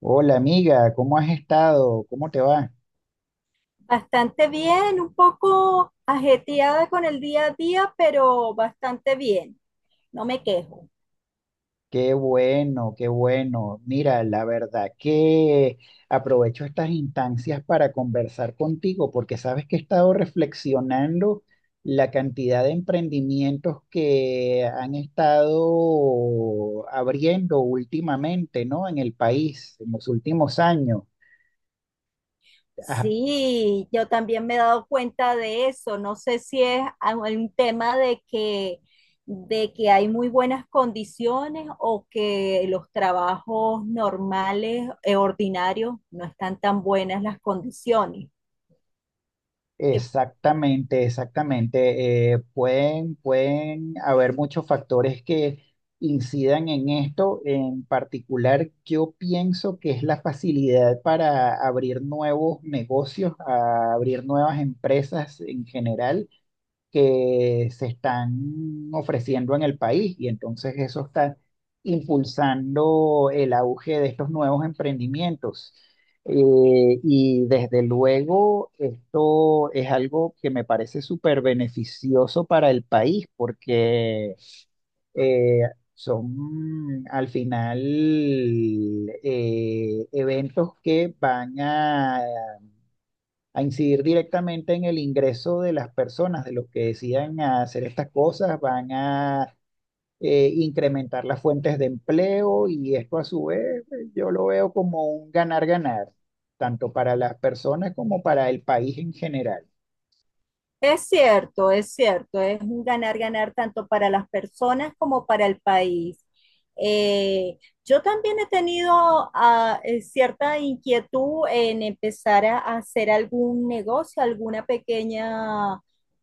Hola amiga, ¿cómo has estado? ¿Cómo te va? Bastante bien, un poco ajetreada con el día a día, pero bastante bien. No me quejo. Qué bueno, qué bueno. Mira, la verdad que aprovecho estas instancias para conversar contigo porque sabes que he estado reflexionando la cantidad de emprendimientos que han estado abriendo últimamente, ¿no? En el país, en los últimos años. ¿Has Sí, yo también me he dado cuenta de eso. No sé si es un tema de que hay muy buenas condiciones o que los trabajos normales, ordinarios, no están tan buenas las condiciones. Exactamente, exactamente. Pueden, pueden haber muchos factores que incidan en esto. En particular, yo pienso que es la facilidad para abrir nuevos negocios, a abrir nuevas empresas en general que se están ofreciendo en el país y entonces eso está impulsando el auge de estos nuevos emprendimientos. Y desde luego esto es algo que me parece súper beneficioso para el país porque eh, son al final eventos que van a incidir directamente en el ingreso de las personas, de los que decidan hacer estas cosas, van a incrementar las fuentes de empleo y esto a su vez, yo lo veo como un ganar-ganar, tanto para las personas como para el país en general. Es cierto, es cierto, es un ganar-ganar tanto para las personas como para el país. Eh, yo también he tenido cierta inquietud en empezar a hacer algún negocio, alguna pequeña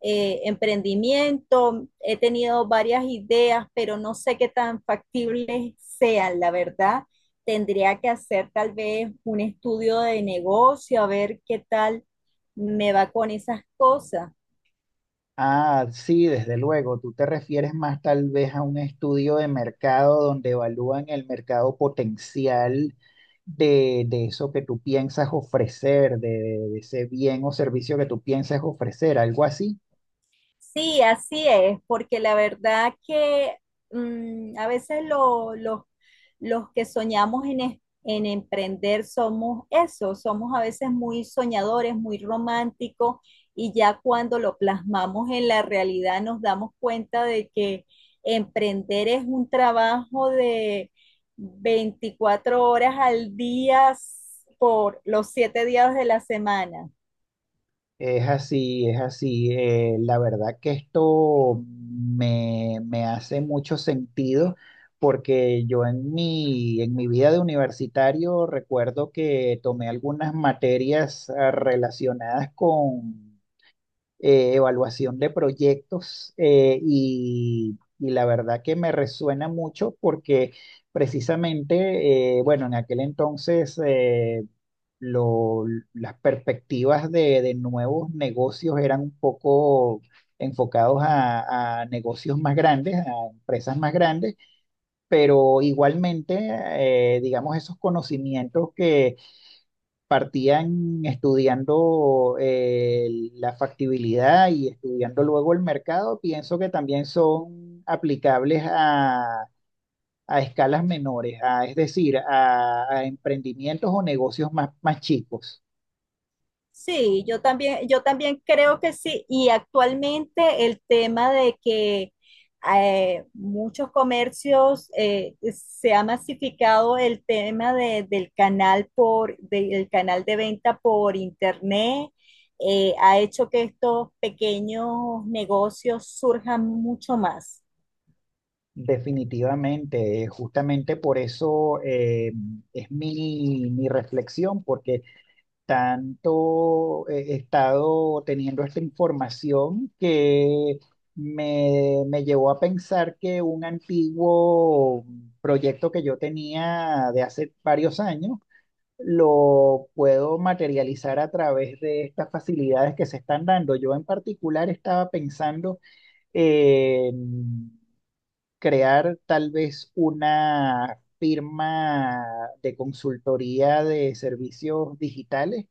emprendimiento. He tenido varias ideas, pero no sé qué tan factibles sean, la verdad. Tendría que hacer tal vez un estudio de negocio, a ver qué tal me va con esas cosas. Ah, sí, desde luego. Tú te refieres más tal vez a un estudio de mercado donde evalúan el mercado potencial de eso que tú piensas ofrecer, de ese bien o servicio que tú piensas ofrecer, algo así. Sí, así es, porque la verdad que a veces los que soñamos en, en emprender somos eso, somos a veces muy soñadores, muy románticos, y ya cuando lo plasmamos en la realidad nos damos cuenta de que emprender es un trabajo de 24 horas al día por los 7 días de la semana. Es así, es así. La verdad que esto me hace mucho sentido porque yo en mi vida de universitario recuerdo que tomé algunas materias relacionadas con evaluación de proyectos y la verdad que me resuena mucho porque precisamente, bueno, en aquel entonces... eh, lo- las perspectivas de nuevos negocios eran un poco enfocados a negocios más grandes, a empresas más grandes, pero igualmente, digamos, esos conocimientos que partían estudiando la factibilidad y estudiando luego el mercado, pienso que también son aplicables a escalas menores, es decir, a emprendimientos o negocios más, más chicos. Sí, yo también creo que sí. Y actualmente el tema de que muchos comercios se ha masificado el tema del canal del canal de venta por internet, ha hecho que estos pequeños negocios surjan mucho más. Definitivamente, justamente por eso es mi reflexión, porque tanto he estado teniendo esta información que me llevó a pensar que un antiguo proyecto que yo tenía de hace varios años lo puedo materializar a través de estas facilidades que se están dando. Yo en particular estaba pensando en crear tal vez una firma de consultoría de servicios digitales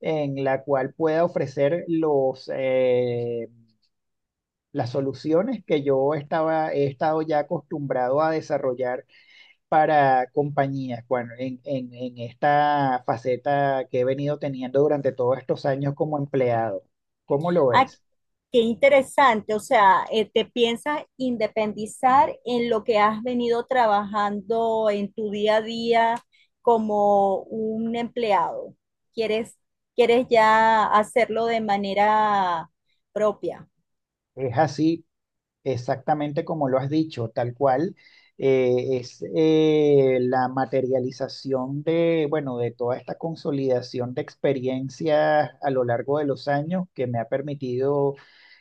en la cual pueda ofrecer las soluciones que yo he estado ya acostumbrado a desarrollar para compañías, bueno, en esta faceta que he venido teniendo durante todos estos años como empleado. ¿Cómo lo Ah, ves? qué interesante. O sea, te piensas independizar en lo que has venido trabajando en tu día a día como un empleado. ¿Quieres, quieres ya hacerlo de manera propia? ¿Es así Exactamente como lo has dicho, tal cual, es la materialización de, bueno, de toda esta consolidación de experiencias a lo largo de los años que me ha permitido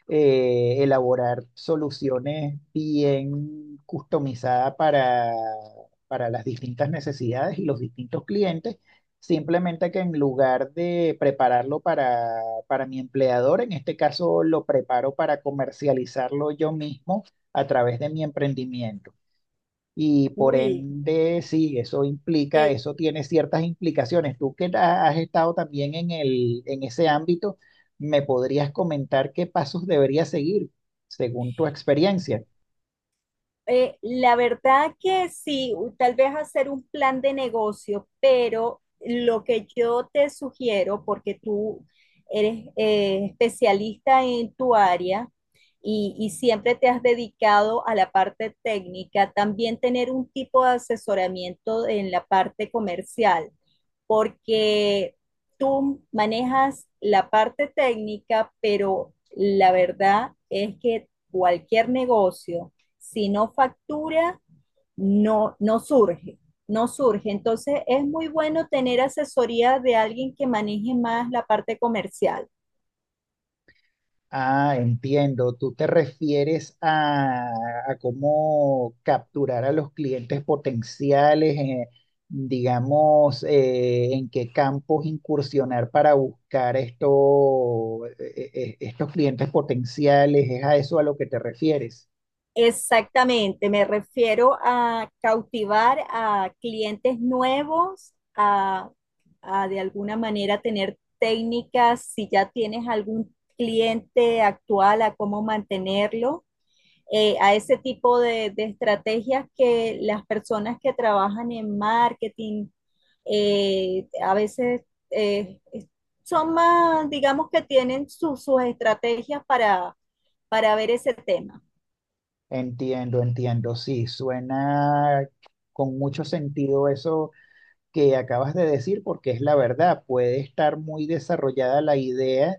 elaborar soluciones bien customizadas para las distintas necesidades y los distintos clientes. Simplemente que en lugar de prepararlo para mi empleador, en este caso lo preparo para comercializarlo yo mismo a través de mi emprendimiento. Y por Uy, ende, sí, eso implica, qué. eso tiene ciertas implicaciones. Tú que has estado también en en ese ámbito, ¿me podrías comentar qué pasos debería seguir según tu experiencia? La verdad que sí, tal vez hacer un plan de negocio, pero lo que yo te sugiero, porque tú eres especialista en tu área y siempre te has dedicado a la parte técnica, también tener un tipo de asesoramiento en la parte comercial, porque tú manejas la parte técnica, pero la verdad es que cualquier negocio si no factura, no surge, no surge. Entonces es muy bueno tener asesoría de alguien que maneje más la parte comercial. Ah, entiendo. Tú te refieres a cómo capturar a los clientes potenciales, digamos, en qué campos incursionar para buscar estos clientes potenciales. ¿Es a eso a lo que te refieres? Exactamente, me refiero a cautivar a clientes nuevos, a de alguna manera tener técnicas, si ya tienes algún cliente actual, a cómo mantenerlo, a ese tipo de, estrategias que las personas que trabajan en marketing a veces eh, son más, digamos que tienen su, sus estrategias para ver ese tema. Entiendo, entiendo. Sí, suena con mucho sentido eso que acabas de decir porque es la verdad. Puede estar muy desarrollada la idea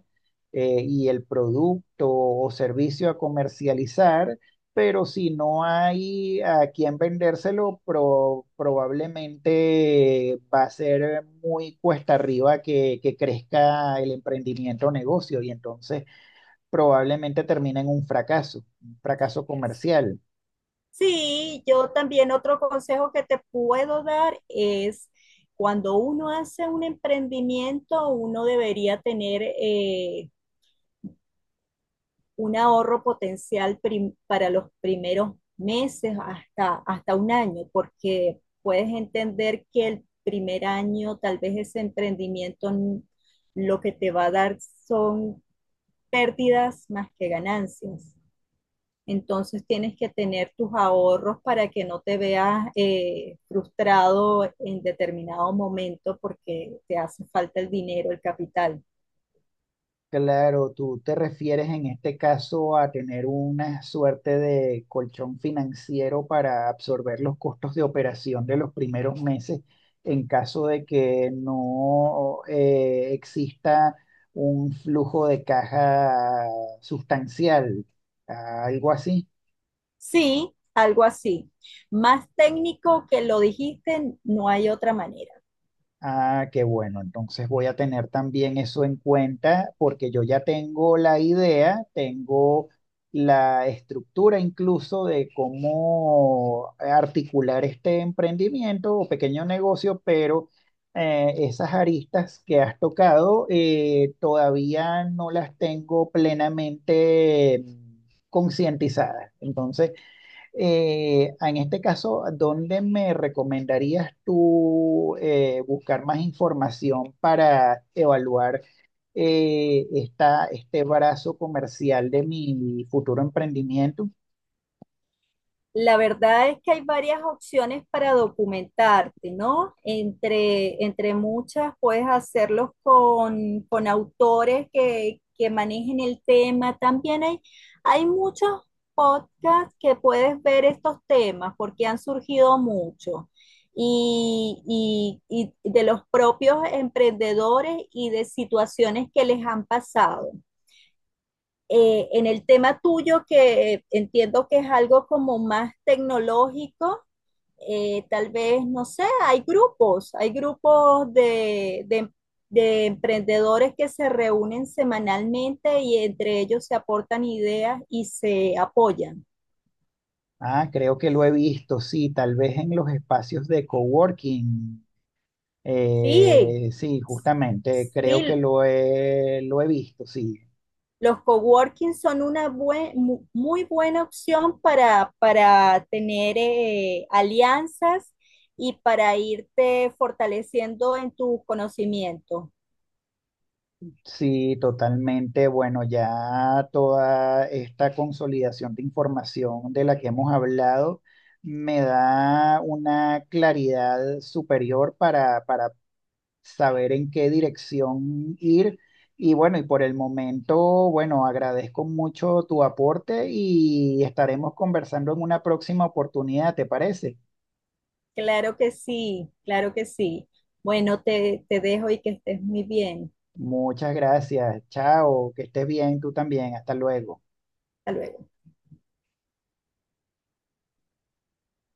eh, y el producto o servicio a comercializar, pero si no hay a quien vendérselo, probablemente va a ser muy cuesta arriba que crezca el emprendimiento o negocio. Y entonces probablemente termina en un fracaso comercial. Sí, yo también otro consejo que te puedo dar es cuando uno hace un emprendimiento, uno debería tener un ahorro potencial para los primeros meses hasta, hasta un año, porque puedes entender que el primer año tal vez ese emprendimiento lo que te va a dar son pérdidas más que ganancias. Entonces tienes que tener tus ahorros para que no te veas frustrado en determinado momento porque te hace falta el dinero, el capital. Claro, tú te refieres en este caso a tener una suerte de colchón financiero para absorber los costos de operación de los primeros meses en caso de que no exista un flujo de caja sustancial, algo así. Sí, algo así. Más técnico que lo dijiste, no hay otra manera. Ah, qué bueno. Entonces voy a tener también eso en cuenta porque yo ya tengo la idea, tengo la estructura incluso de cómo articular este emprendimiento o pequeño negocio, pero esas aristas que has tocado todavía no las tengo plenamente concientizadas. Entonces, en este caso, ¿dónde me recomendarías tú buscar más información para evaluar esta, este brazo comercial de mi futuro emprendimiento? La verdad es que hay varias opciones para documentarte, ¿no? Entre, entre muchas puedes hacerlos con autores que manejen el tema. También hay muchos podcasts que puedes ver estos temas porque han surgido mucho. Y, y de los propios emprendedores y de situaciones que les han pasado. En el tema tuyo, que entiendo que es algo como más tecnológico, tal vez, no sé, hay grupos de emprendedores que se reúnen semanalmente y entre ellos se aportan ideas y se apoyan. Ah, creo que lo he visto, sí, tal vez en los espacios de coworking. Sí, Sí, justamente, creo que sí, lo lo he visto, sí. los coworking son una buen, muy buena opción para tener alianzas y para irte fortaleciendo en tus conocimientos. Sí, totalmente. Bueno, ya toda esta consolidación de información de la que hemos hablado me da una claridad superior para saber en qué dirección ir. Y bueno, y por el momento, bueno, agradezco mucho tu aporte y estaremos conversando en una próxima oportunidad, ¿te parece? Claro que sí, claro que sí. Bueno, te dejo y que estés muy bien. Muchas gracias. Chao, que estés bien tú también. Hasta luego. Hasta luego.